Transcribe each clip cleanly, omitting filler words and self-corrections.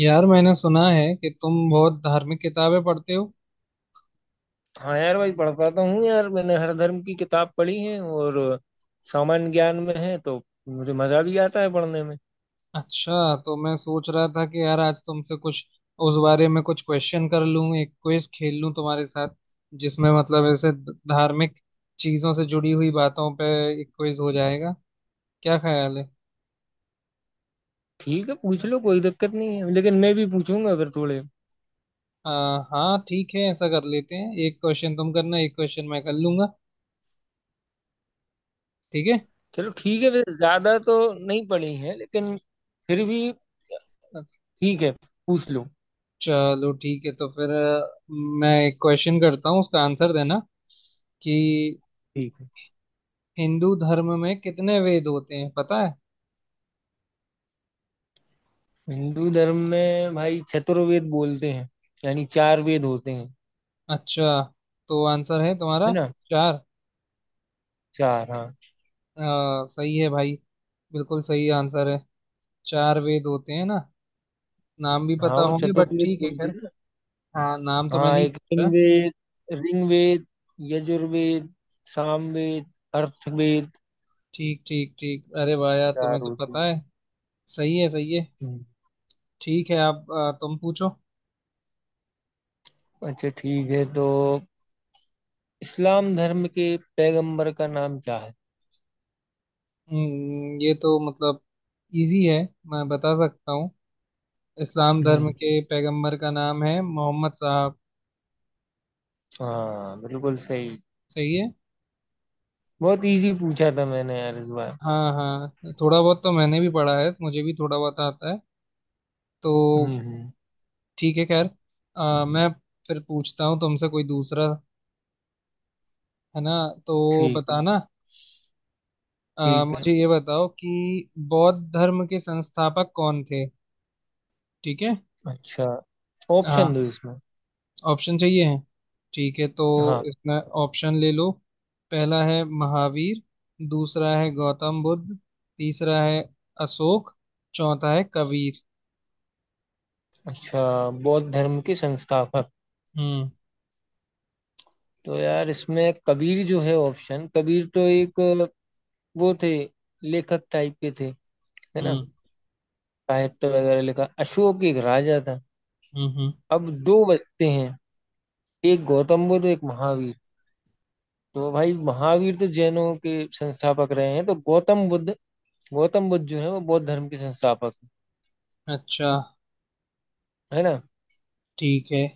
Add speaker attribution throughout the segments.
Speaker 1: यार मैंने सुना है कि तुम बहुत धार्मिक किताबें पढ़ते हो।
Speaker 2: हाँ यार भाई पढ़ता तो हूँ यार मैंने हर धर्म की किताब पढ़ी है और सामान्य ज्ञान में है तो मुझे मजा भी आता है पढ़ने में।
Speaker 1: अच्छा, तो मैं सोच रहा था कि यार आज तुमसे कुछ उस बारे में कुछ क्वेश्चन कर लूं, एक क्विज खेल लूं तुम्हारे साथ, जिसमें मतलब ऐसे धार्मिक चीजों से जुड़ी हुई बातों पे एक क्विज हो जाएगा। क्या ख्याल है?
Speaker 2: ठीक है पूछ लो कोई दिक्कत नहीं है लेकिन मैं भी पूछूंगा फिर थोड़े।
Speaker 1: आ, हाँ ठीक है, ऐसा कर लेते हैं, एक क्वेश्चन तुम करना, एक क्वेश्चन मैं कर लूंगा। ठीक है।
Speaker 2: चलो ठीक है वैसे ज्यादा तो नहीं पढ़ी है लेकिन फिर भी ठीक है पूछ लो।
Speaker 1: चलो ठीक है, तो फिर मैं एक क्वेश्चन करता हूँ, उसका आंसर देना कि
Speaker 2: ठीक है।
Speaker 1: हिंदू धर्म में कितने वेद होते हैं, पता है?
Speaker 2: हिंदू धर्म में भाई चतुर्वेद बोलते हैं यानी चार वेद होते हैं
Speaker 1: अच्छा, तो आंसर है तुम्हारा
Speaker 2: है ना।
Speaker 1: चार?
Speaker 2: चार हाँ।
Speaker 1: सही है भाई, बिल्कुल सही आंसर है। चार वेद होते हैं ना। नाम भी
Speaker 2: हाँ
Speaker 1: पता
Speaker 2: वो
Speaker 1: होंगे, बट
Speaker 2: चतुर्वेद
Speaker 1: ठीक है,
Speaker 2: बोलते
Speaker 1: खैर।
Speaker 2: हैं।
Speaker 1: हाँ, नाम तो मैं
Speaker 2: हाँ
Speaker 1: नहीं
Speaker 2: एक
Speaker 1: पूछा।
Speaker 2: ऋग्वेद ऋग्वेद यजुर्वेद, सामवेद, अर्थवेद।
Speaker 1: ठीक ठीक ठीक, अरे भाया
Speaker 2: चार
Speaker 1: तुम्हें तो
Speaker 2: होते हैं।
Speaker 1: पता है। सही है, सही है।
Speaker 2: हम्म।
Speaker 1: ठीक है, आप तुम पूछो।
Speaker 2: अच्छा ठीक है तो इस्लाम धर्म के पैगंबर का नाम क्या है?
Speaker 1: ये तो मतलब इजी है, मैं बता सकता हूँ। इस्लाम धर्म
Speaker 2: हम्म।
Speaker 1: के पैगंबर का नाम है मोहम्मद साहब।
Speaker 2: हाँ बिल्कुल सही।
Speaker 1: सही है।
Speaker 2: बहुत इजी पूछा था मैंने यार इस बार।
Speaker 1: हाँ हाँ, थोड़ा बहुत तो मैंने भी पढ़ा है, मुझे भी थोड़ा बहुत आता है तो।
Speaker 2: हम्म।
Speaker 1: ठीक है, खैर। मैं फिर पूछता हूँ तुमसे कोई दूसरा, है ना, तो
Speaker 2: ठीक है।
Speaker 1: बताना।
Speaker 2: ठीक है।
Speaker 1: मुझे ये बताओ कि बौद्ध धर्म के संस्थापक कौन थे? ठीक है।
Speaker 2: अच्छा ऑप्शन दो
Speaker 1: हाँ,
Speaker 2: इसमें।
Speaker 1: ऑप्शन चाहिए है? ठीक है तो
Speaker 2: हाँ।
Speaker 1: इसमें ऑप्शन ले लो। पहला है महावीर, दूसरा है गौतम बुद्ध, तीसरा है अशोक, चौथा है कबीर।
Speaker 2: अच्छा बौद्ध धर्म के संस्थापक।
Speaker 1: हम्म।
Speaker 2: तो यार इसमें कबीर जो है ऑप्शन कबीर तो एक वो थे लेखक टाइप के थे है ना।
Speaker 1: हम्म।
Speaker 2: साहित्य वगैरह लिखा, अशोक एक राजा था।
Speaker 1: हम्म। हम्म।
Speaker 2: अब दो बचते हैं एक गौतम बुद्ध एक महावीर। तो भाई महावीर तो जैनों के संस्थापक रहे हैं तो गौतम बुद्ध, गौतम बुद्ध जो है वो बौद्ध धर्म के संस्थापक
Speaker 1: अच्छा,
Speaker 2: है ना।
Speaker 1: ठीक है।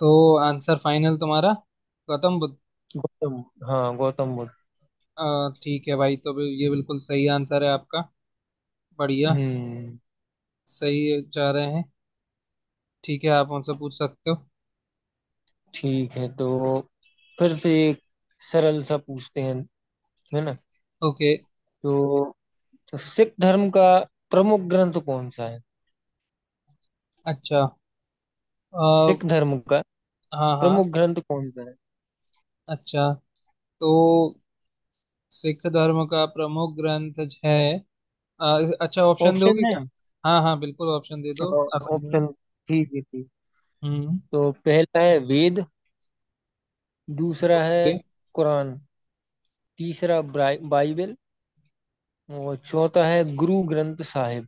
Speaker 1: तो आंसर फाइनल तुम्हारा गौतम बुद्ध?
Speaker 2: गौतम हाँ गौतम बुद्ध।
Speaker 1: अ, ठीक है भाई, तो ये बिल्कुल सही आंसर है आपका। बढ़िया।
Speaker 2: हम्म।
Speaker 1: सही जा रहे हैं। ठीक है, आप उनसे पूछ सकते हो।
Speaker 2: ठीक है तो फिर से एक सरल सा पूछते हैं है ना।
Speaker 1: ओके।
Speaker 2: तो, तो सिख धर्म का प्रमुख ग्रंथ कौन सा है?
Speaker 1: अच्छा। अ,
Speaker 2: सिख धर्म का
Speaker 1: हाँ हाँ।
Speaker 2: प्रमुख ग्रंथ कौन सा है?
Speaker 1: अच्छा, तो सिख धर्म का प्रमुख ग्रंथ है। अ, अच्छा, ऑप्शन
Speaker 2: ऑप्शन
Speaker 1: दोगे
Speaker 2: है।
Speaker 1: क्या? हाँ हाँ, बिल्कुल ऑप्शन दे दो, आसानी है।
Speaker 2: ऑप्शन। ठीक है ठीक।
Speaker 1: हम्म।
Speaker 2: तो पहला है वेद, दूसरा है
Speaker 1: ओके।
Speaker 2: कुरान, तीसरा बाइबल और चौथा है गुरु ग्रंथ साहिब।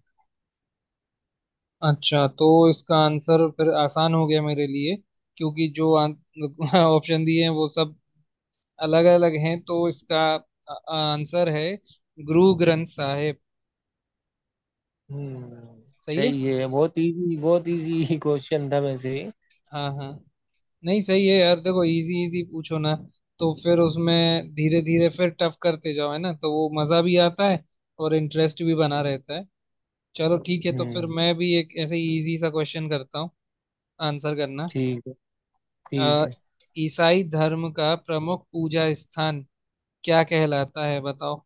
Speaker 1: अच्छा, तो इसका आंसर फिर आसान हो गया मेरे लिए, क्योंकि जो ऑप्शन दिए हैं वो सब अलग अलग हैं। तो इसका आंसर है गुरु ग्रंथ साहिब।
Speaker 2: हम्म।
Speaker 1: सही है।
Speaker 2: सही है, बहुत इजी क्वेश्चन था वैसे।
Speaker 1: हाँ हाँ, नहीं सही है यार, देखो इजी इजी पूछो ना, तो फिर उसमें धीरे धीरे फिर टफ करते जाओ, है ना, तो वो मज़ा भी आता है और इंटरेस्ट भी बना रहता है। चलो ठीक है, तो फिर
Speaker 2: हम्म।
Speaker 1: मैं भी एक ऐसे इजी सा क्वेश्चन करता हूँ, आंसर करना।
Speaker 2: ठीक है।
Speaker 1: अ,
Speaker 2: ठीक है
Speaker 1: ईसाई धर्म का प्रमुख पूजा स्थान क्या कहलाता है, बताओ।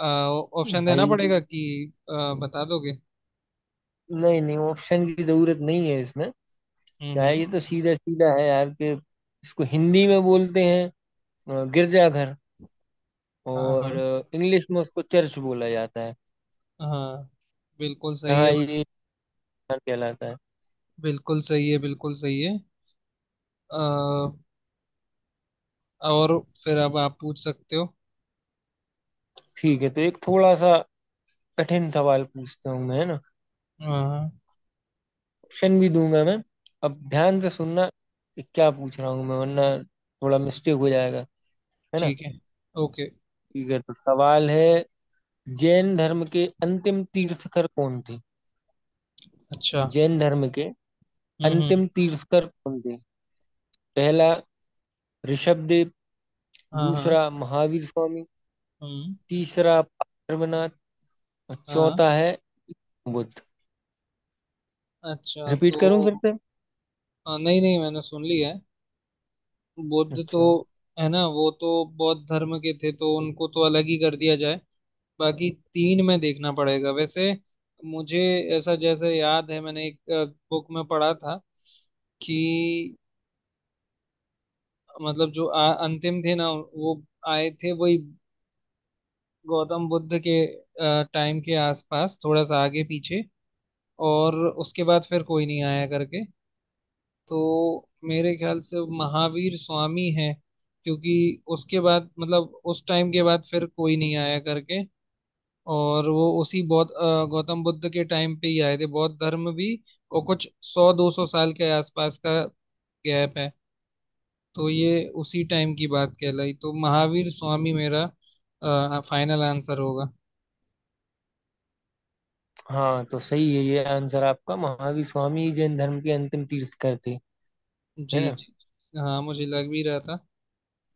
Speaker 1: अ, ऑप्शन देना
Speaker 2: भाई
Speaker 1: पड़ेगा कि बता दोगे?
Speaker 2: नहीं नहीं ऑप्शन की जरूरत नहीं है इसमें। क्या
Speaker 1: हम्म।
Speaker 2: है ये तो सीधा सीधा है यार कि इसको हिंदी में बोलते हैं गिरजाघर
Speaker 1: हाँ
Speaker 2: और
Speaker 1: हाँ।
Speaker 2: इंग्लिश में उसको चर्च बोला जाता है।
Speaker 1: हाँ बिल्कुल सही
Speaker 2: हाँ
Speaker 1: है भाई।
Speaker 2: ये ध्यान कहलाता है।
Speaker 1: बिल्कुल सही है। बिल्कुल सही है। अ, और फिर अब आप पूछ सकते हो।
Speaker 2: ठीक है तो एक थोड़ा सा कठिन सवाल पूछता हूँ मैं है ना।
Speaker 1: हाँ
Speaker 2: ऑप्शन भी दूंगा मैं। अब ध्यान से सुनना कि क्या पूछ रहा हूँ मैं वरना थोड़ा मिस्टेक हो जाएगा है ना।
Speaker 1: ठीक है। ओके।
Speaker 2: ठीक है तो सवाल है जैन धर्म के अंतिम तीर्थकर कौन थे?
Speaker 1: अच्छा।
Speaker 2: जैन धर्म के
Speaker 1: हम्म।
Speaker 2: अंतिम तीर्थकर कौन थे? पहला ऋषभदेव,
Speaker 1: हाँ हाँ।
Speaker 2: दूसरा महावीर स्वामी,
Speaker 1: हम्म।
Speaker 2: तीसरा पार्वनाथ और
Speaker 1: हाँ।
Speaker 2: चौथा है बुद्ध।
Speaker 1: अच्छा,
Speaker 2: रिपीट
Speaker 1: तो
Speaker 2: करूं फिर से?
Speaker 1: नहीं नहीं, मैंने सुन लिया है। बुद्ध तो,
Speaker 2: अच्छा।
Speaker 1: है ना, वो तो बौद्ध धर्म के थे, तो उनको तो अलग ही कर दिया जाए। बाकी तीन में देखना पड़ेगा। वैसे मुझे ऐसा जैसे याद है, मैंने एक बुक में पढ़ा था कि मतलब जो अंतिम थे ना वो आए थे, वही गौतम बुद्ध के टाइम के आसपास, थोड़ा सा आगे पीछे, और उसके बाद फिर कोई नहीं आया करके। तो मेरे ख्याल से महावीर स्वामी है, क्योंकि उसके बाद मतलब उस टाइम के बाद फिर कोई नहीं आया करके, और वो उसी गौतम बुद्ध के टाइम पे ही आए थे, बौद्ध धर्म भी। और कुछ सौ 200 साल के आसपास का गैप है। तो ये उसी टाइम की बात कहलाई, तो महावीर स्वामी मेरा फाइनल आंसर होगा।
Speaker 2: हाँ तो सही है, ये आंसर आपका महावीर स्वामी ही जैन धर्म के अंतिम तीर्थकर थे है
Speaker 1: जी
Speaker 2: ना।
Speaker 1: जी। हाँ, मुझे लग भी रहा था।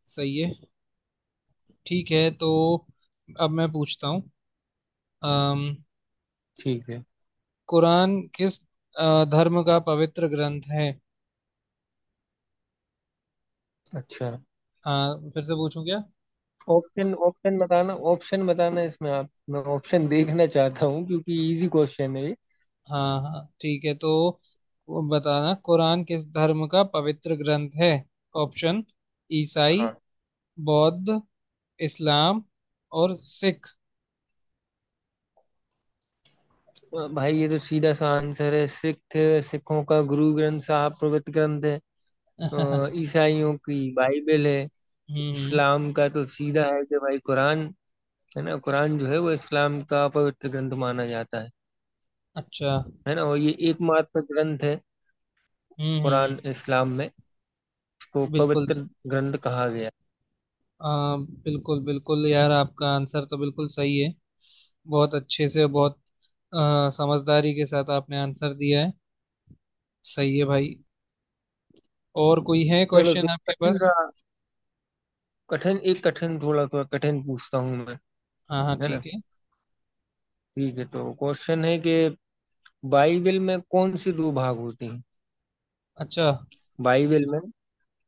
Speaker 1: सही है। ठीक है, तो अब मैं पूछता हूँ। अम,
Speaker 2: ठीक है।
Speaker 1: कुरान किस धर्म का पवित्र ग्रंथ है?
Speaker 2: अच्छा
Speaker 1: हाँ, फिर से पूछूं क्या?
Speaker 2: ऑप्शन ऑप्शन बताना, ऑप्शन बताना इसमें, आप मैं ऑप्शन देखना चाहता हूँ क्योंकि इजी क्वेश्चन है ये।
Speaker 1: हाँ हाँ ठीक है। तो वो बताना, कुरान किस धर्म का पवित्र ग्रंथ है? ऑप्शन: ईसाई,
Speaker 2: हाँ।
Speaker 1: बौद्ध, इस्लाम और सिख।
Speaker 2: भाई ये तो सीधा सा आंसर है सिख। सिखों का गुरु ग्रंथ साहब पवित्र ग्रंथ है। ईसाइयों की बाइबल है।
Speaker 1: हम्म।
Speaker 2: इस्लाम का तो सीधा है कि भाई कुरान है ना। कुरान जो है वो इस्लाम का पवित्र ग्रंथ माना जाता है।
Speaker 1: अच्छा।
Speaker 2: है ना, और ये एकमात्र ग्रंथ है
Speaker 1: हम्म। हम्म।
Speaker 2: कुरान इस्लाम में, इसको
Speaker 1: बिल्कुल।
Speaker 2: पवित्र ग्रंथ कहा गया।
Speaker 1: आ, बिल्कुल बिल्कुल यार, आपका आंसर तो बिल्कुल सही है। बहुत अच्छे से, बहुत समझदारी के साथ आपने आंसर दिया है। सही है भाई। और कोई है
Speaker 2: चलो तो
Speaker 1: क्वेश्चन आपके पास?
Speaker 2: कठिन थोड़ा थोड़ा कठिन पूछता हूँ मैं
Speaker 1: हाँ हाँ
Speaker 2: है ना।
Speaker 1: ठीक है।
Speaker 2: ठीक है तो क्वेश्चन है कि बाइबल में कौन सी दो भाग होते हैं?
Speaker 1: अच्छा।
Speaker 2: बाइबल में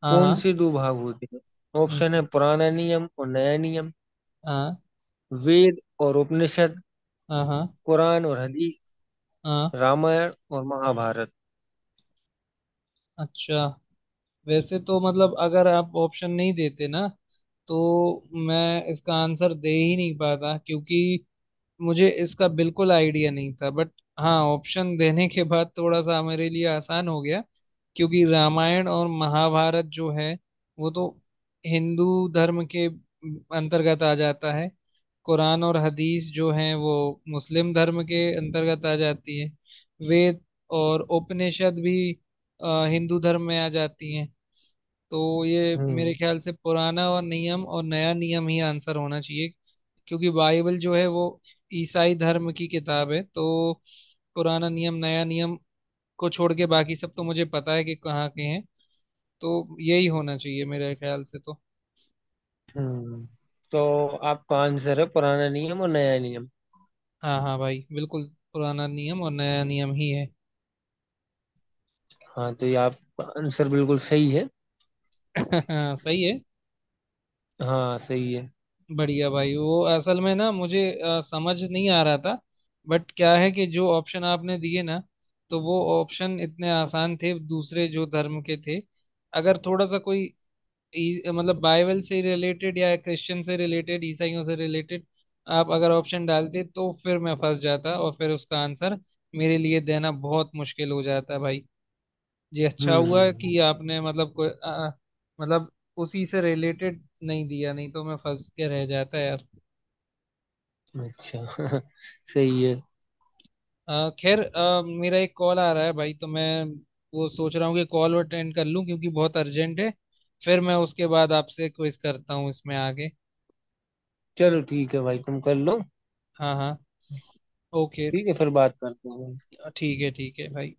Speaker 1: हाँ
Speaker 2: कौन
Speaker 1: हाँ। हम्म।
Speaker 2: सी दो भाग होते हैं? ऑप्शन है
Speaker 1: हम्म,
Speaker 2: पुराना नियम और नया नियम,
Speaker 1: हाँ
Speaker 2: वेद और उपनिषद,
Speaker 1: हाँ। हाँ
Speaker 2: कुरान और हदीस,
Speaker 1: हाँ।
Speaker 2: रामायण और महाभारत।
Speaker 1: अच्छा, वैसे तो मतलब अगर आप ऑप्शन नहीं देते ना तो मैं इसका आंसर दे ही नहीं पाता, क्योंकि मुझे इसका बिल्कुल आइडिया नहीं था। बट हाँ, ऑप्शन देने के बाद थोड़ा सा मेरे लिए आसान हो गया, क्योंकि रामायण और महाभारत जो है वो तो हिंदू धर्म के अंतर्गत आ जाता है। कुरान और हदीस जो हैं वो मुस्लिम धर्म के अंतर्गत आ जाती है। वेद और उपनिषद भी हिंदू धर्म में आ जाती हैं। तो ये मेरे
Speaker 2: हम्म
Speaker 1: ख्याल से पुराना और नियम और नया नियम ही आंसर होना चाहिए, क्योंकि बाइबल जो है वो ईसाई धर्म की किताब है। तो पुराना नियम नया नियम को छोड़ के बाकी सब तो मुझे पता है कि कहाँ के हैं। तो यही होना चाहिए मेरे ख्याल से तो।
Speaker 2: हम्म। तो आपका आंसर है पुराना नियम और नया नियम।
Speaker 1: हाँ हाँ भाई बिल्कुल, पुराना नियम और नया नियम ही है।
Speaker 2: हाँ तो ये आपका आंसर बिल्कुल सही है।
Speaker 1: हाँ सही है।
Speaker 2: हाँ सही है।
Speaker 1: बढ़िया भाई, वो असल में ना मुझे समझ नहीं आ रहा था। बट क्या है कि जो ऑप्शन आपने दिए ना, तो वो ऑप्शन इतने आसान थे दूसरे जो धर्म के थे। अगर थोड़ा सा कोई मतलब बाइबल से रिलेटेड या क्रिश्चियन से रिलेटेड, ईसाइयों से रिलेटेड आप अगर ऑप्शन डालते तो फिर मैं फंस जाता, और फिर उसका आंसर मेरे लिए देना बहुत मुश्किल हो जाता भाई। जी, अच्छा हुआ
Speaker 2: हम्म।
Speaker 1: कि आपने मतलब कोई मतलब उसी से रिलेटेड नहीं दिया, नहीं तो मैं फंस के रह जाता यार।
Speaker 2: अच्छा सही है।
Speaker 1: खैर, मेरा एक कॉल आ रहा है भाई, तो मैं वो सोच रहा हूँ कि कॉल अटेंड कर लूँ क्योंकि बहुत अर्जेंट है। फिर मैं उसके बाद आपसे क्विज करता हूँ इसमें आगे।
Speaker 2: चलो ठीक है भाई तुम कर लो।
Speaker 1: हाँ हाँ। ओके।
Speaker 2: ठीक है फिर बात करते हैं।
Speaker 1: ठीक है, ठीक है भाई।